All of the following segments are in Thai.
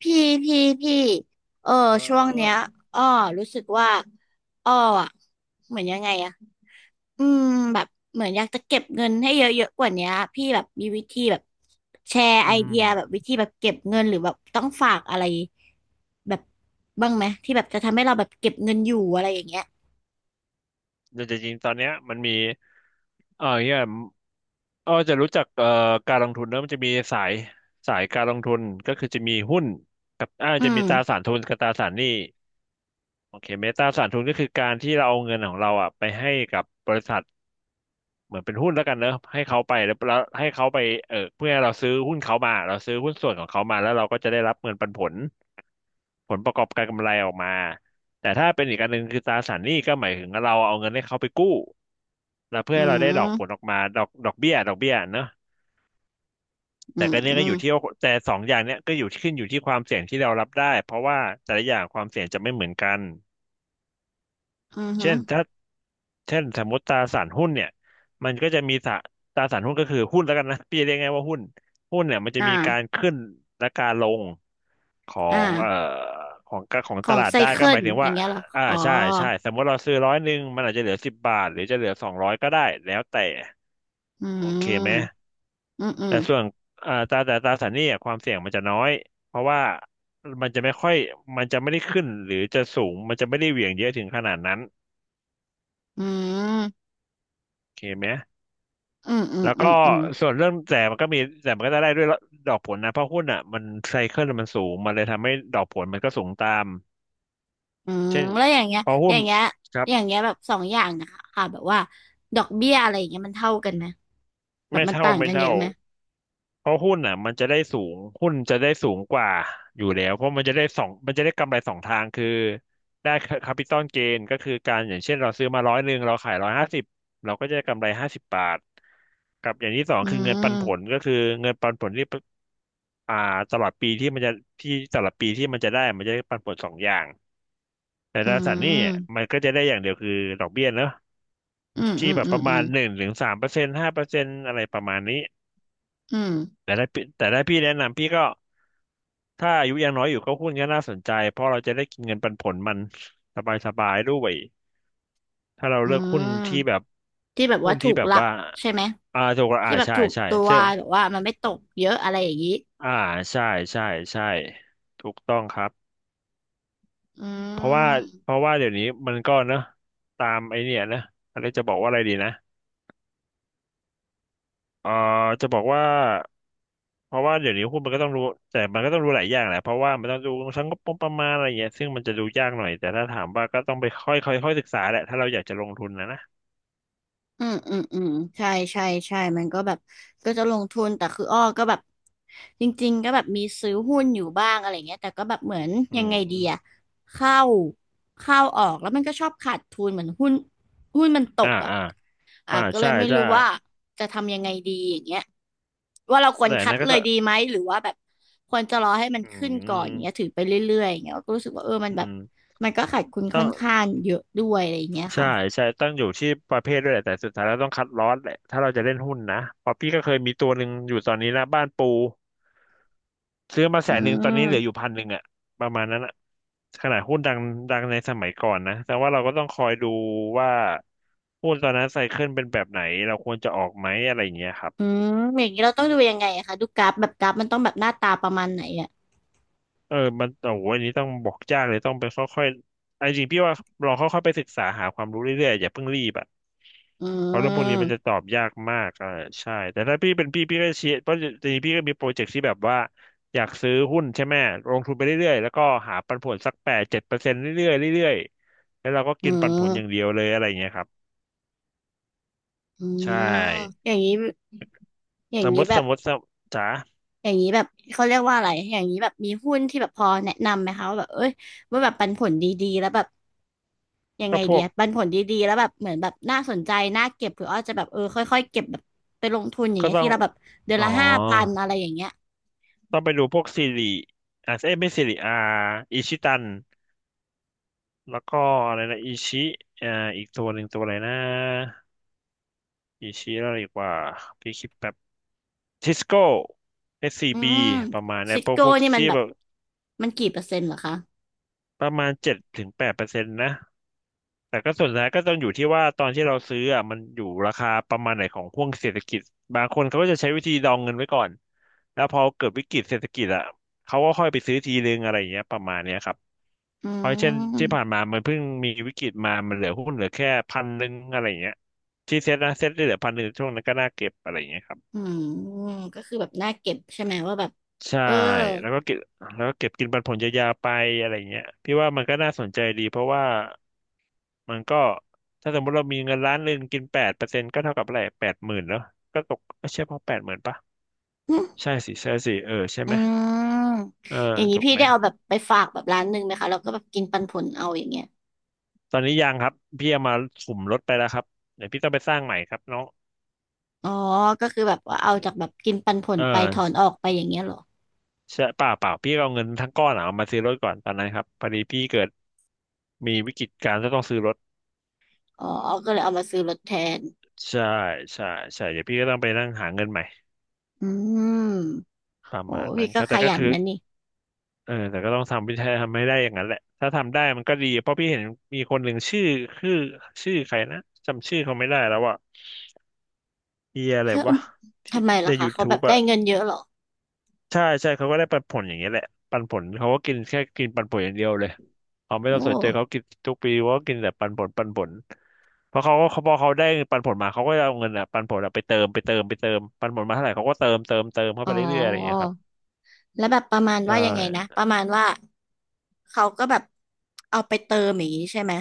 พี่พี่เออเช่วงเนี้ยอออ้อรู้สึกว่าอ้ออะเหมือนยังไงอะอืมแบบเหมือนอยากจะเก็บเงินให้เยอะๆกว่าเนี้ยพี่แบบมีวิธีแบบแชร์ไออืเดีมยแบบวิธีแบบเก็บเงินหรือแบบต้องฝากอะไรแบบบ้างไหมที่แบบจะทำให้เราแบบเก็บเงินอยู่อะไรอย่างเงี้ยแต่จริงๆตอนเนี้ยมันมีเออเนี่ยจะรู้จักการลงทุนเนอะมันจะมีสายการลงทุนก็คือจะมีหุ้นกับอืจะมีมตราสารทุนกับตราสารหนี้โอเคไหมตราสารทุนก็คือการที่เราเอาเงินของเราอ่ะไปให้กับบริษัทเหมือนเป็นหุ้นแล้วกันเนอะให้เขาไปแล้วให้เขาไปเพื่อให้เราซื้อหุ้นเขามาเราซื้อหุ้นส่วนของเขามาแล้วเราก็จะได้รับเงินปันผล ผลประกอบการกำไรออกมาแต่ถ้าเป็นอีกอันหนึ่งคือตราสารหนี้ก็หมายถึงเราเอาเงินให้เขาไปกู้แล้วเพื่อือให้เราได้ดอกผลอมอกมาดอกเบี้ยดอกเบี้ยเนอะอืแต่มก็เนี้อืยก็อมยู่ที่ว่าแต่สองอย่างเนี้ยก็อยู่ขึ้นอยู่ที่ความเสี่ยงที่เรารับได้เพราะว่าแต่ละอย่างความเสี่ยงจะไม่เหมือนกันอืมฮึเช่นถ้าเช่นสมมติตราสารหุ้นเนี่ยมันก็จะมีตราสารหุ้นก็คือหุ้นแล้วกันนะพี่จะเรียกง่ายว่าหุ้นหุ้นเนี่ยมันจะมีการอ่าขึ้นและการลง ขออ่างเอ่อของของขตองลาดไซได้ก็เคิหมาลยถึงอว่าย่างเงี้ยเหรออ๋อใช่ใช่สมมติเราซื้อร้อยหนึ่งมันอาจจะเหลือสิบบาทหรือจะเหลือ200ก็ได้แล้วแต่อืโอเคไหมมอืมอืมแต่ส่วนตราสารหนี้อะความเสี่ยงมันจะน้อยเพราะว่ามันจะไม่ค่อยมันจะไม่ได้ขึ้นหรือจะสูงมันจะไม่ได้เหวี่ยงเยอะถึงขนาดนั้นอืม โอเคไหมอืมอืมแล้วอืก็มอืมส่วนเรื่องแต่มันก็มีแต่มันก็ได้ด้วยดอกผลนะเพราะหุ้นอ่ะมันไซเคิลมันสูงมันเลยทำให้ดอกผลมันก็สูงตามอืมเช่นแล้วอย่างเงี้ยพออหุ้นย่างเงี้ยครับ อย่างเงี้ยแบบสองอย่างนะคะค่ะแบบว่าดอกเบี้ยอะไรอย่างเงี้ยมันเท่ากันไหมแบบไม่มันเท่าต่างไม่กันเยเท่าอะไหมเพราะหุ้นอ่ะมันจะได้สูงหุ้นจะได้สูงกว่าอยู่แล้วเพราะมันจะได้สองมันจะได้กำไรสองทางคือได้แคปิตอลเกนก็คือการอย่างเช่นเราซื้อมาร้อยหนึ่งเราขาย150เราก็จะได้กำไร50 บาทกับอย่างที่สองอืคือเงินปันผลมก็คือเงินปันผลที่อ่าตลอดปีที่มันจะที่ตลอดปีที่มันจะได้มันจะได้ปันผลสองอย่างแต่อืตราสารหนี้อ่ะมมันก็จะได้อย่างเดียวคือดอกเบี้ยเนอะอืมอืที่มแบบอืปมระอืมาณม1-3%5%อะไรประมาณนี้ อืมแต่ได้พี่แนะนำพี่ก็ถ้าอายุยังน้อยอยู่ก็หุ้นก็น่าสนใจเพราะเราจะได้กินเงินปันผลมันสบายสบายด้วยถ้าเราอืเลือกมที่แบบหุ้ว่านถูที่กแบหบลักว่าใช่ไหมถูกละที่แบบใช่ถูกใช่ตัวเชื่อหรือว่ามันไม่ตกเยอะอะไรอย่างงี้อ่าใช่ใช่ใช่ถูกต้องครับอืเพราะว่าเพม ราะว่าเดี๋ยวนี้มันก็เนอะตามไอเนี่ยนะอะไรจะบอกว่าอะไรดีนะเอ่อจะบอกว่า เพราะว่าเดี๋ยวนี้หุ้นมันก็ต้องรู้แต่มันก็ต้องรู้หลายอย่างแหละเพราะว่ามันต้องดูทั้งงบประมาณอะไรเงี้ยซึ่งมันจะดูยากหน่อยแต่ถ้าถามว่าก็ต้องไปค่อยค่อยค่อยศึกษาแหละถ้าเราอยากจะลงทุนนะนะอืมอืมอืมใช่ใช่ใช่มันก็แบบก็จะลงทุนแต่คืออ้อก็แบบจริงๆก็แบบมีซื้อหุ้นอยู่บ้างอะไรเงี้ยแต่ก็แบบเหมือนอืยังไงดีอะมเข้าเข้าออกแล้วมันก็ชอบขาดทุนเหมือนหุ้นมันตอมกอะอ่ะก็เลใช่ยไม่ใช่รู้ว่าจะทำยังไงดีอย่างเงี้ยว่าเราควรแต่คัดนั้นก็เลจะยดีไหมหรือว่าแบบควรจะรอให้มันอืขึ้นก่อนเงี้ยถืมอไปเรื่อยๆอย่างเงี้ยก็รู้สึกว่าเออมันอืแบบมมันก็ขาดทุนต้ค่อองนข้างเยอะด้วยอะไรอย่างเงี้ยใช่ค่ะใช่ต้องอยู่ที่ประเภทด้วยแหละแต่สุดท้ายแล้วต้องคัดลอตแหละถ้าเราจะเล่นหุ้นนะเพอพี่ก็เคยมีตัวหนึ่งอยู่ตอนนี้นะบ้านปู ซื้อมาแสอืนหนึ่งตอนนี้เหลืออยู่ม 1,000อะประมาณนั้นอะขนาดหุ้นดังดังในสมัยก่อนนะแต่ว่าเราก็ต้องคอยดูว่าหุ้นตอนนั้นไซเคิลเป็นแบบไหนเราควรจะออกไหมอะไรอย่างเงี้ยครับ อืมอย่างนี้เราต้องดูยังไงอะคะดูกราฟแบบกราฟมันต้องแบบหน้าตาประมาณไหนอ่ะเออมันโอ้โหอันนี้ต้องบอกยากเลยต้องไปค่อยๆไอ้จริงพี่ว่าลองค่อยๆไปศึกษาหาความรู้เรื่อยๆอย่าเพิ่งรีบอ่ะอืเพราะเรื่องพวกนี้มันจะตมอบยากมากใช่แต่ถ้าพี่เป็นพี่พี่ก็เชียร์เพราะจริงๆพี่ก็มีโปรเจกต์ที่แบบว่าอยากซื้อหุ้นใช่ไหมลงทุนไปเรื่อยๆแล้วก็หาปันผลสักแปดเจ็ดเปอร์เซ็นต์เรื่อยๆเรื่อยๆแล้วเราก็อืกินปันผลมอย่างเดียวเลยอะไรอย่างเงี้ยครับอืใช่มอย่างนี้อย่างนี้แบบสมมติจ๋าอย่างนี้แบบเขาเรียกว่าอะไรอย่างนี้แบบมีหุ้นที่แบบพอแนะนำไหมคะว่าแบบเอ้ยว่าแบบปันผลดีๆแล้วแบบยังไงก็พเดีวยกปันผลดีๆแล้วแบบเหมือนแบบน่าสนใจน่าเก็บหรืออาจจะแบบเออค่อยๆเก็บแบบไปลงทุนอย่างก็เงี้ยต้อที่งเราแบบเดือนอ๋อ ละ5,000อะไรอย่างเงี้ยต้องไปดูพวกซีรีเอ้ยไม่ซีรีอาอิชิตันแล้วก็อะไรนะอิชิอ่าอีกตัวหนึ่งตัวอะไรนะอิชิแล้วอะไรอีกว่าพี่คิดแบบทิสโก้เอสซีอืบีมประมาณเนี่ซิยสพวกโก้พวกนี่มันที่แบบแบบมันกี่เปอร์เซ็นต์เหรอคะประมาณเจ็ดถึงแปดเปอร์เซ็นต์นะแต่ก็ส่วนใหญ่ก็ต้องอยู่ที่ว่าตอนที่เราซื้ออ่ะมันอยู่ราคาประมาณไหนของห่วงเศรษฐกิจบางคนเขาก็จะใช้วิธีดองเงินไว้ก่อนแล้วพอเกิดวิกฤตเศรษฐกิจอ่ะเขาก็ค่อยไปซื้อทีนึงอะไรอย่างเงี้ยประมาณเนี้ยครับ อืเพราะเช่นที่ผ่านม มามันเพิ่งมีวิกฤตมา มันเหลือหุ้นเหลือแค่พันหนึ่งอะไรอย่างเงี้ยที่เซ็ตนะเซ็ตได้เหลือพันหนึ่งช่วงนั้นก็น่าเก็บอะไรอย่างเงี้ยครับอืมก็คือแบบน่าเก็บใช่ไหมว่าแบบใช่เออแล้วก็เก็บแล้วก็เก็บกินปันผลยาวๆไปอะไรเงี้ยพี่ว่ามันก็น่าสนใจดีเพราะว่ามันก็ถ้าสมมติเรามีเงินล้านหนึ่งกินแปดเปอร์เซ็นต์ก็เท่ากับอะไรแปดหมื่นแล้วก็ตกก็ใช่พอแปดหมื่นปะหึใช่สิใช่สิเออใช่อืไหมมเอออย่างนี้ถูกพี่ไหมได้เอาแบบไปฝากแบบร้านหนึ่งไหมคะแล้วก็แบบกินปันผลเอาอย่างเงี้ยตอนนี้ยังครับพี่เอามาสุ่มลดไปแล้วครับเดี๋ยวพี่ต้องไปสร้างใหม่ครับน้องอ๋อก็คือแบบว่าเอาจากแบบกินปันผลเอไปถอนอ ออกไปอย่างเงี้ยเหรอใช่เปล่าเปล่าพี่เอาเงินทั้งก้อนอะเอามาซื้อรถก่อนตอนนั้นครับพอดีพี่เกิดมีวิกฤตการณ์ก็ต้องซื้อรถอ๋อก็เลยเอามาซื้อรถแทนใช่ใช่ใช่เดี๋ยวพี่ก็ต้องไปนั่งหาเงินใหม่อืมประโอ้มาณพี่นั้นคก็รับขแต่ก็ยันคือนะนี่เออแต่ก็ต้องทำวิธีทำให้ได้อย่างนั้นแหละถ้าทำได้มันก็ดีเพราะพี่เห็นมีคนหนึ่งชื่อชื่อใครนะจำชื่อเขาไม่ได้แล้วอะเฮียอะไรแล้ววะที่ทำไมใน ล่ะคะเขาแบบ YouTube ได้อะ เงินเยอะเหรอใช่ใช่เขาก็ได้ปันผลอย่างเงี้ยแหละปันผลเขาก็กินแค่กินปันผลอย่างเดียวเลยเขาไม่โอต้องสนใจเขา้กินทุกปีว่ากินแต่ปันผลปันผลเพราะเขาพอเขาได้ปันผลมาเขาก็จะเอาเงินอ่ะปันผลอะไปเติมไปเติมไปเติมปันผลมาเท่าไหร่เขาก็เติมเติมเติมเข้าอ๋ไปอเรื่อยๆอะไรอย่างเงี้ยครับแล้วแบบประมาณใชว่ายังไงนะ่ประมาณว่าเขาก็แบบเอาไปเติมอย่างนี้ใช่ไหม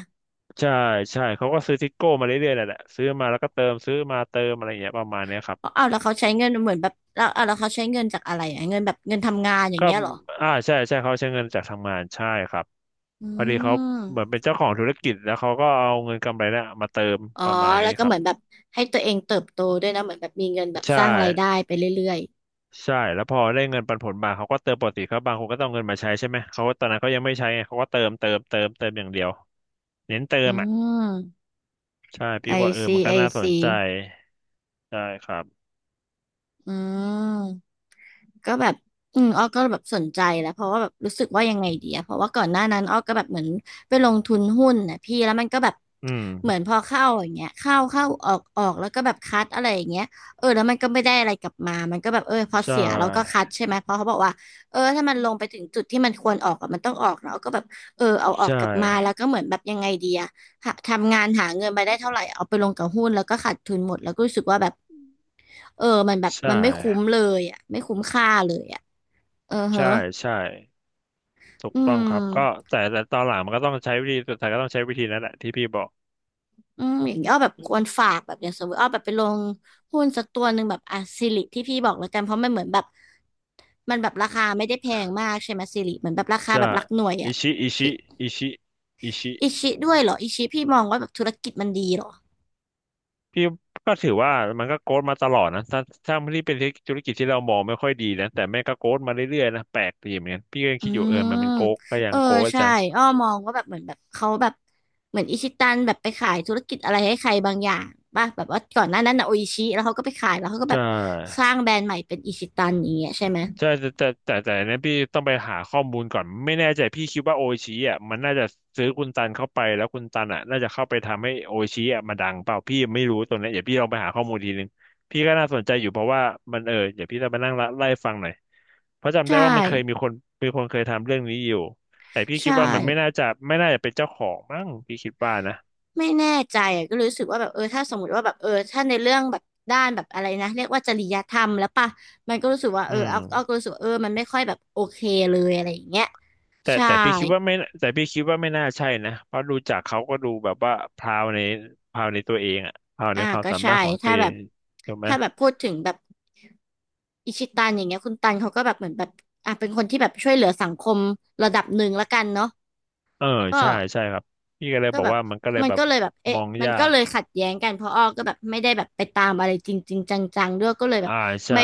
ใช่ใช่เขาก็ซื้อทิกโก้มาเรื่อยๆนั่นแหละซื้อมาแล้วก็เติมซื้อมาเติมอะไรอย่างเงี้ยประมาณเนี้ยครับออเอาแล้วเขาใช้เงินเหมือนแบบแล้วเอาแล้วเขาใช้เงินจากอะไรอ่ะเงินแบบเงินทำงานอย่างก็เงี้ยเหรอใช่ใช่เขาใช้เงินจากทางงานใช่ครับอืพอดีเขาเหมือนเป็มนเจ้าของธุรกิจแล้วเขาก็เอาเงินกำไรเนี่ยมาเติมอ๋อ ประมาณแล้นี้วคก็รัเหบ มือนแบบให้ตัวเองเติบโตด้วยนะเหมือนแบบมีเงินแบบใช่สร้างรายได้ไปเรื่อยใช่แล้วพอได้เงินปันผลมาเขาก็เติมปกติเขาบางคนก็ต้องเอาเงินมาใช้ใช่ไหมเขาก็ตอนนั้นเขายังไม่ใช้ไงเขาก็เติมเติมเติมเติมอย่างเดียวเน้นเติอืมอ่ะมใช่ๆอพี่กว่าเออซีมันก็ไอน่าสนซีใจใช่ครับอืม ก็แบบอืมอ้อก็แบบสนใจแล้วเพราะว่าแบบรู้สึกว่ายังไงดีอะเพราะว่าก่อนหน้านั้นอ้อก็แบบเหมือนไปลงทุนหุ้นนะพี่แล้วมันก็แบบอืมเหมือนพอเข้าอย่างเงี้ยเข้าออกออกแล้วก็แบบคัดอะไรอย่างเงี้ยเออแล้วมันก็ไม่ได้อะไรกลับมามันก็แบบเออพอใช่เสียแล้วก็คัดใช่ไหมเพราะเขาบอกว่าเออถ้ามันลงไปถึงจุดที่มันควรออกอะมันต้องออกแล้วก็แบบเออเอาออกใช่กลับมาแล้วก็เหมือนแบบยังไงดีอะหาทำงานหาเงินมาได้เท่าไหร่เอาไปลงกับหุ้นแล้วก็ขาดทุนหมดแล้วก็รู้สึกว่าแบบเออมันแบบใช่มันไม่คุ้มเลยอะไม่คุ้มค่าเลยอะ เออฮะใช่ใช่ถูกอืต้องมครับก็แต่ตอนหลังมันก็ต้องใช้วิธีสุดท้ายก็ต้องใช้วิธีนั้นแหละที่พี่บอกอืมอย่างนี้อ้อแบบควรฝากแบบอย่างสมมติอ้อแบบไปลงหุ้นสักตัวหนึ่งแบบอ่ะสิริที่พี่บอกแล้วกันเพราะมันเหมือนแบบมันแบบราคาไม่ได้แพงมากใช่ไหมสิริเหมือนแบบราคาใช่แบบหลักหน่วยอิอ่ะชิอิชิที่อิชิอิชิ อิชิด้วยเหรออิชิพี่มองว่าแบบธุรกิจมันดีเหรอพี่ก็ถือว่ามันก็โกรธมาตลอดนะถ้าที่เป็นธุรกิจที่เรามองไม่ค่อยดีนะ แต่แม่งก็โกรธมาเรื่อยๆนะแปลกดีเหมือนกันพี่ก็ยังอืคิดอยู่เออมมันเป็นโกรธก็ยัเองอโกรธใช่จังอ้อมองว่าแบบเหมือนแบบเขาแบบเหมือนอิชิตันแบบไปขายธุรกิจอะไรให้ใครบางอย่างป่ะแบบว่าก่อนหน้านั้นนะโออิชิแล้วเขาก็ไปขายแล้วเขาก็แบใช่ บสร้างแบรนด์ใหม่เป็นอิชิตันอย่างเงี้ยใช่ไหม ใช่แต่อันนั้นพี่ต้องไปหาข้อมูลก่อนไม่แน่ใจพี่คิดว่าโออิชิอ่ะมันน่าจะซื้อคุณตันเข้าไปแล้วคุณตันอ่ะน่าจะเข้าไปทำให้โออิชิอ่ะมาดังเปล่าพี่ไม่รู้ตรงนี้นเดี๋ยวพี่ลองไปหาข้อมูลทีนึงพี่ก็น่าสนใจอยู่เพราะว่ามันเออเดี๋ยวพี่จะไปนั่งไล่ฟังหน่อยเพราะจำได้ใช่ว่ามันเคยมีคนมีคนเคยทำเรื่องนี้อยู่แต่พี่คิใช่ดว่ามันไม่น่าจะเป็นเจ้าของมั้งพี่คิดว่านะไม่แน่ใจอ่ะก็รู้สึกว่าแบบเออถ้าสมมติว่าแบบเออถ้าในเรื่องแบบด้านแบบอะไรนะเรียกว่าจริยธรรมแล้วป่ะมันก็รู้สึกว่าเออือม เอาก็รู้สึกว่าเออมันไม่ค่อยแบบโอเคเลยอะไรอย่างเงี้ยแต่ใช่แต่พี่คิดว่าไม่แต่พี่คิดว่าไม่น่าใช่นะเพราะดูจากเขาก็ดูแบบว่าพราวในพราวในตัวเองอะพราวอ่าในความก็สาใช่มารถของตัถ้าวเอแบงบถูกไหมพูดถึงแบบอิชิตันอย่างเงี้ยคุณตันเขาก็แบบเหมือนแบบอ่ะเป็นคนที่แบบช่วยเหลือสังคมระดับหนึ่งละกันเนาะเออก็ ใช่ใช่ครับพี่ก็เลยก็บอกแบบว่ามันก็เลยมันแบบก็เลยแบบมเอ๊ะองมันยาก็กเลยขัดแย้งกันเพราะอ้อก็แบบไม่ได้แบบไปตามอะไรจริงจริงจังๆด้วยก็เลยแบบอ่าใช่ไม่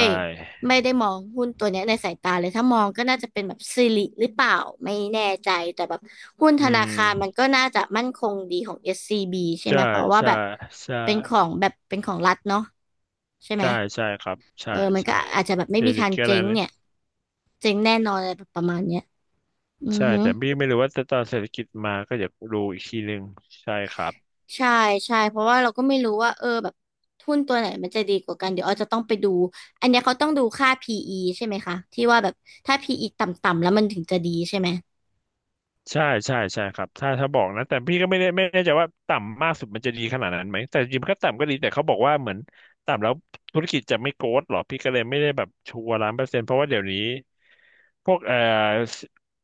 ไม่ได้มองหุ้นตัวเนี้ยในสายตาเลยถ้ามองก็น่าจะเป็นแบบสิริหรือเปล่าไม่แน่ใจแต่แบบหุ้นธอืนาคารมันมก็น่าจะมั่นคงดีของSCB ใช่ไหมใช่เพราะว่าใช่แบบใช่เป็นของแบบเป็นของรัฐเนาะใช่ไหมใช่ใช่ครับใช่เออมันใช่ก็อาจจะแบบไม่เศรมีษฐทางกิจอะเจ๊ไรงเลยเนี่ยเจ๊งแน่นอนอะไรแบบประมาณเนี้ยอือใช่ฮึ แต่พี่ไม่รู้ว่าจะตอนเศรษฐกิจมาก็อยากดูอีกทีหนึ่งใช่ครับ ใช่ใช่เพราะว่าเราก็ไม่รู้ว่าเออแบบหุ้นตัวไหนมันจะดีกว่ากันเดี๋ยวอาจจะต้องไปดูอันเนี้ยเขาต้องดูค่า PE ใช่ไหมคะที่ว่าแบบถ้า PE ต่ำๆแล้วมันถึงจะดีใช่ไหมใช่ใช่ใช่ครับถ้าบอกนะแต่พี่ก็ไม่แน่ใจว่าต่ำมากสุดมันจะดีขนาดนั้นไหมแต่จริงๆมันก็ต่ำก็ดีแต่เขาบอกว่าเหมือนต่ำแล้วธุรกิจจะไม่โกรธหรอพี่ก็เลยไม่ได้แบบชัวร์ล้านเปอร์เซ็นต์เพราะว่าเดี๋ยวนี้พวก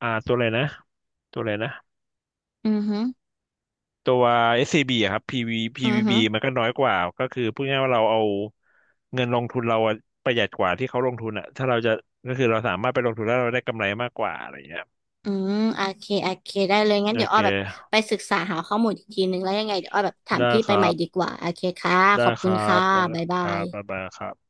อ่าตัวอะไรนะตัวอะไรนะอือฮึตัว SCB อสซีบีอะครับ PV ีอือวีพีฮึวีบ b มันก็น้อยกว่าก็คือพูดง่ายๆว่าเราเอาเงินลงทุนเราอะประหยัดกว่าที่เขาลงทุนอะถ้าเราจะก็คือเราสามารถไปลงทุนแล้วเราได้กำไรมากกว่าอะไรอย่างเงี้ยอืมโอเคโอเคได้เลยงั้นโอเดี๋ยวเคอ้อแบบไปศึกษาหาข้อมูลอีกทีนึงแล้วยังไงเดี๋ยวอ้อแบบถามได้พี่คไปรัใหม่ดีบ กว่าโอเคค่ะได้ขอบคคุณรัค่ะบบ๊ายคบารับบ๊ายยบายครับ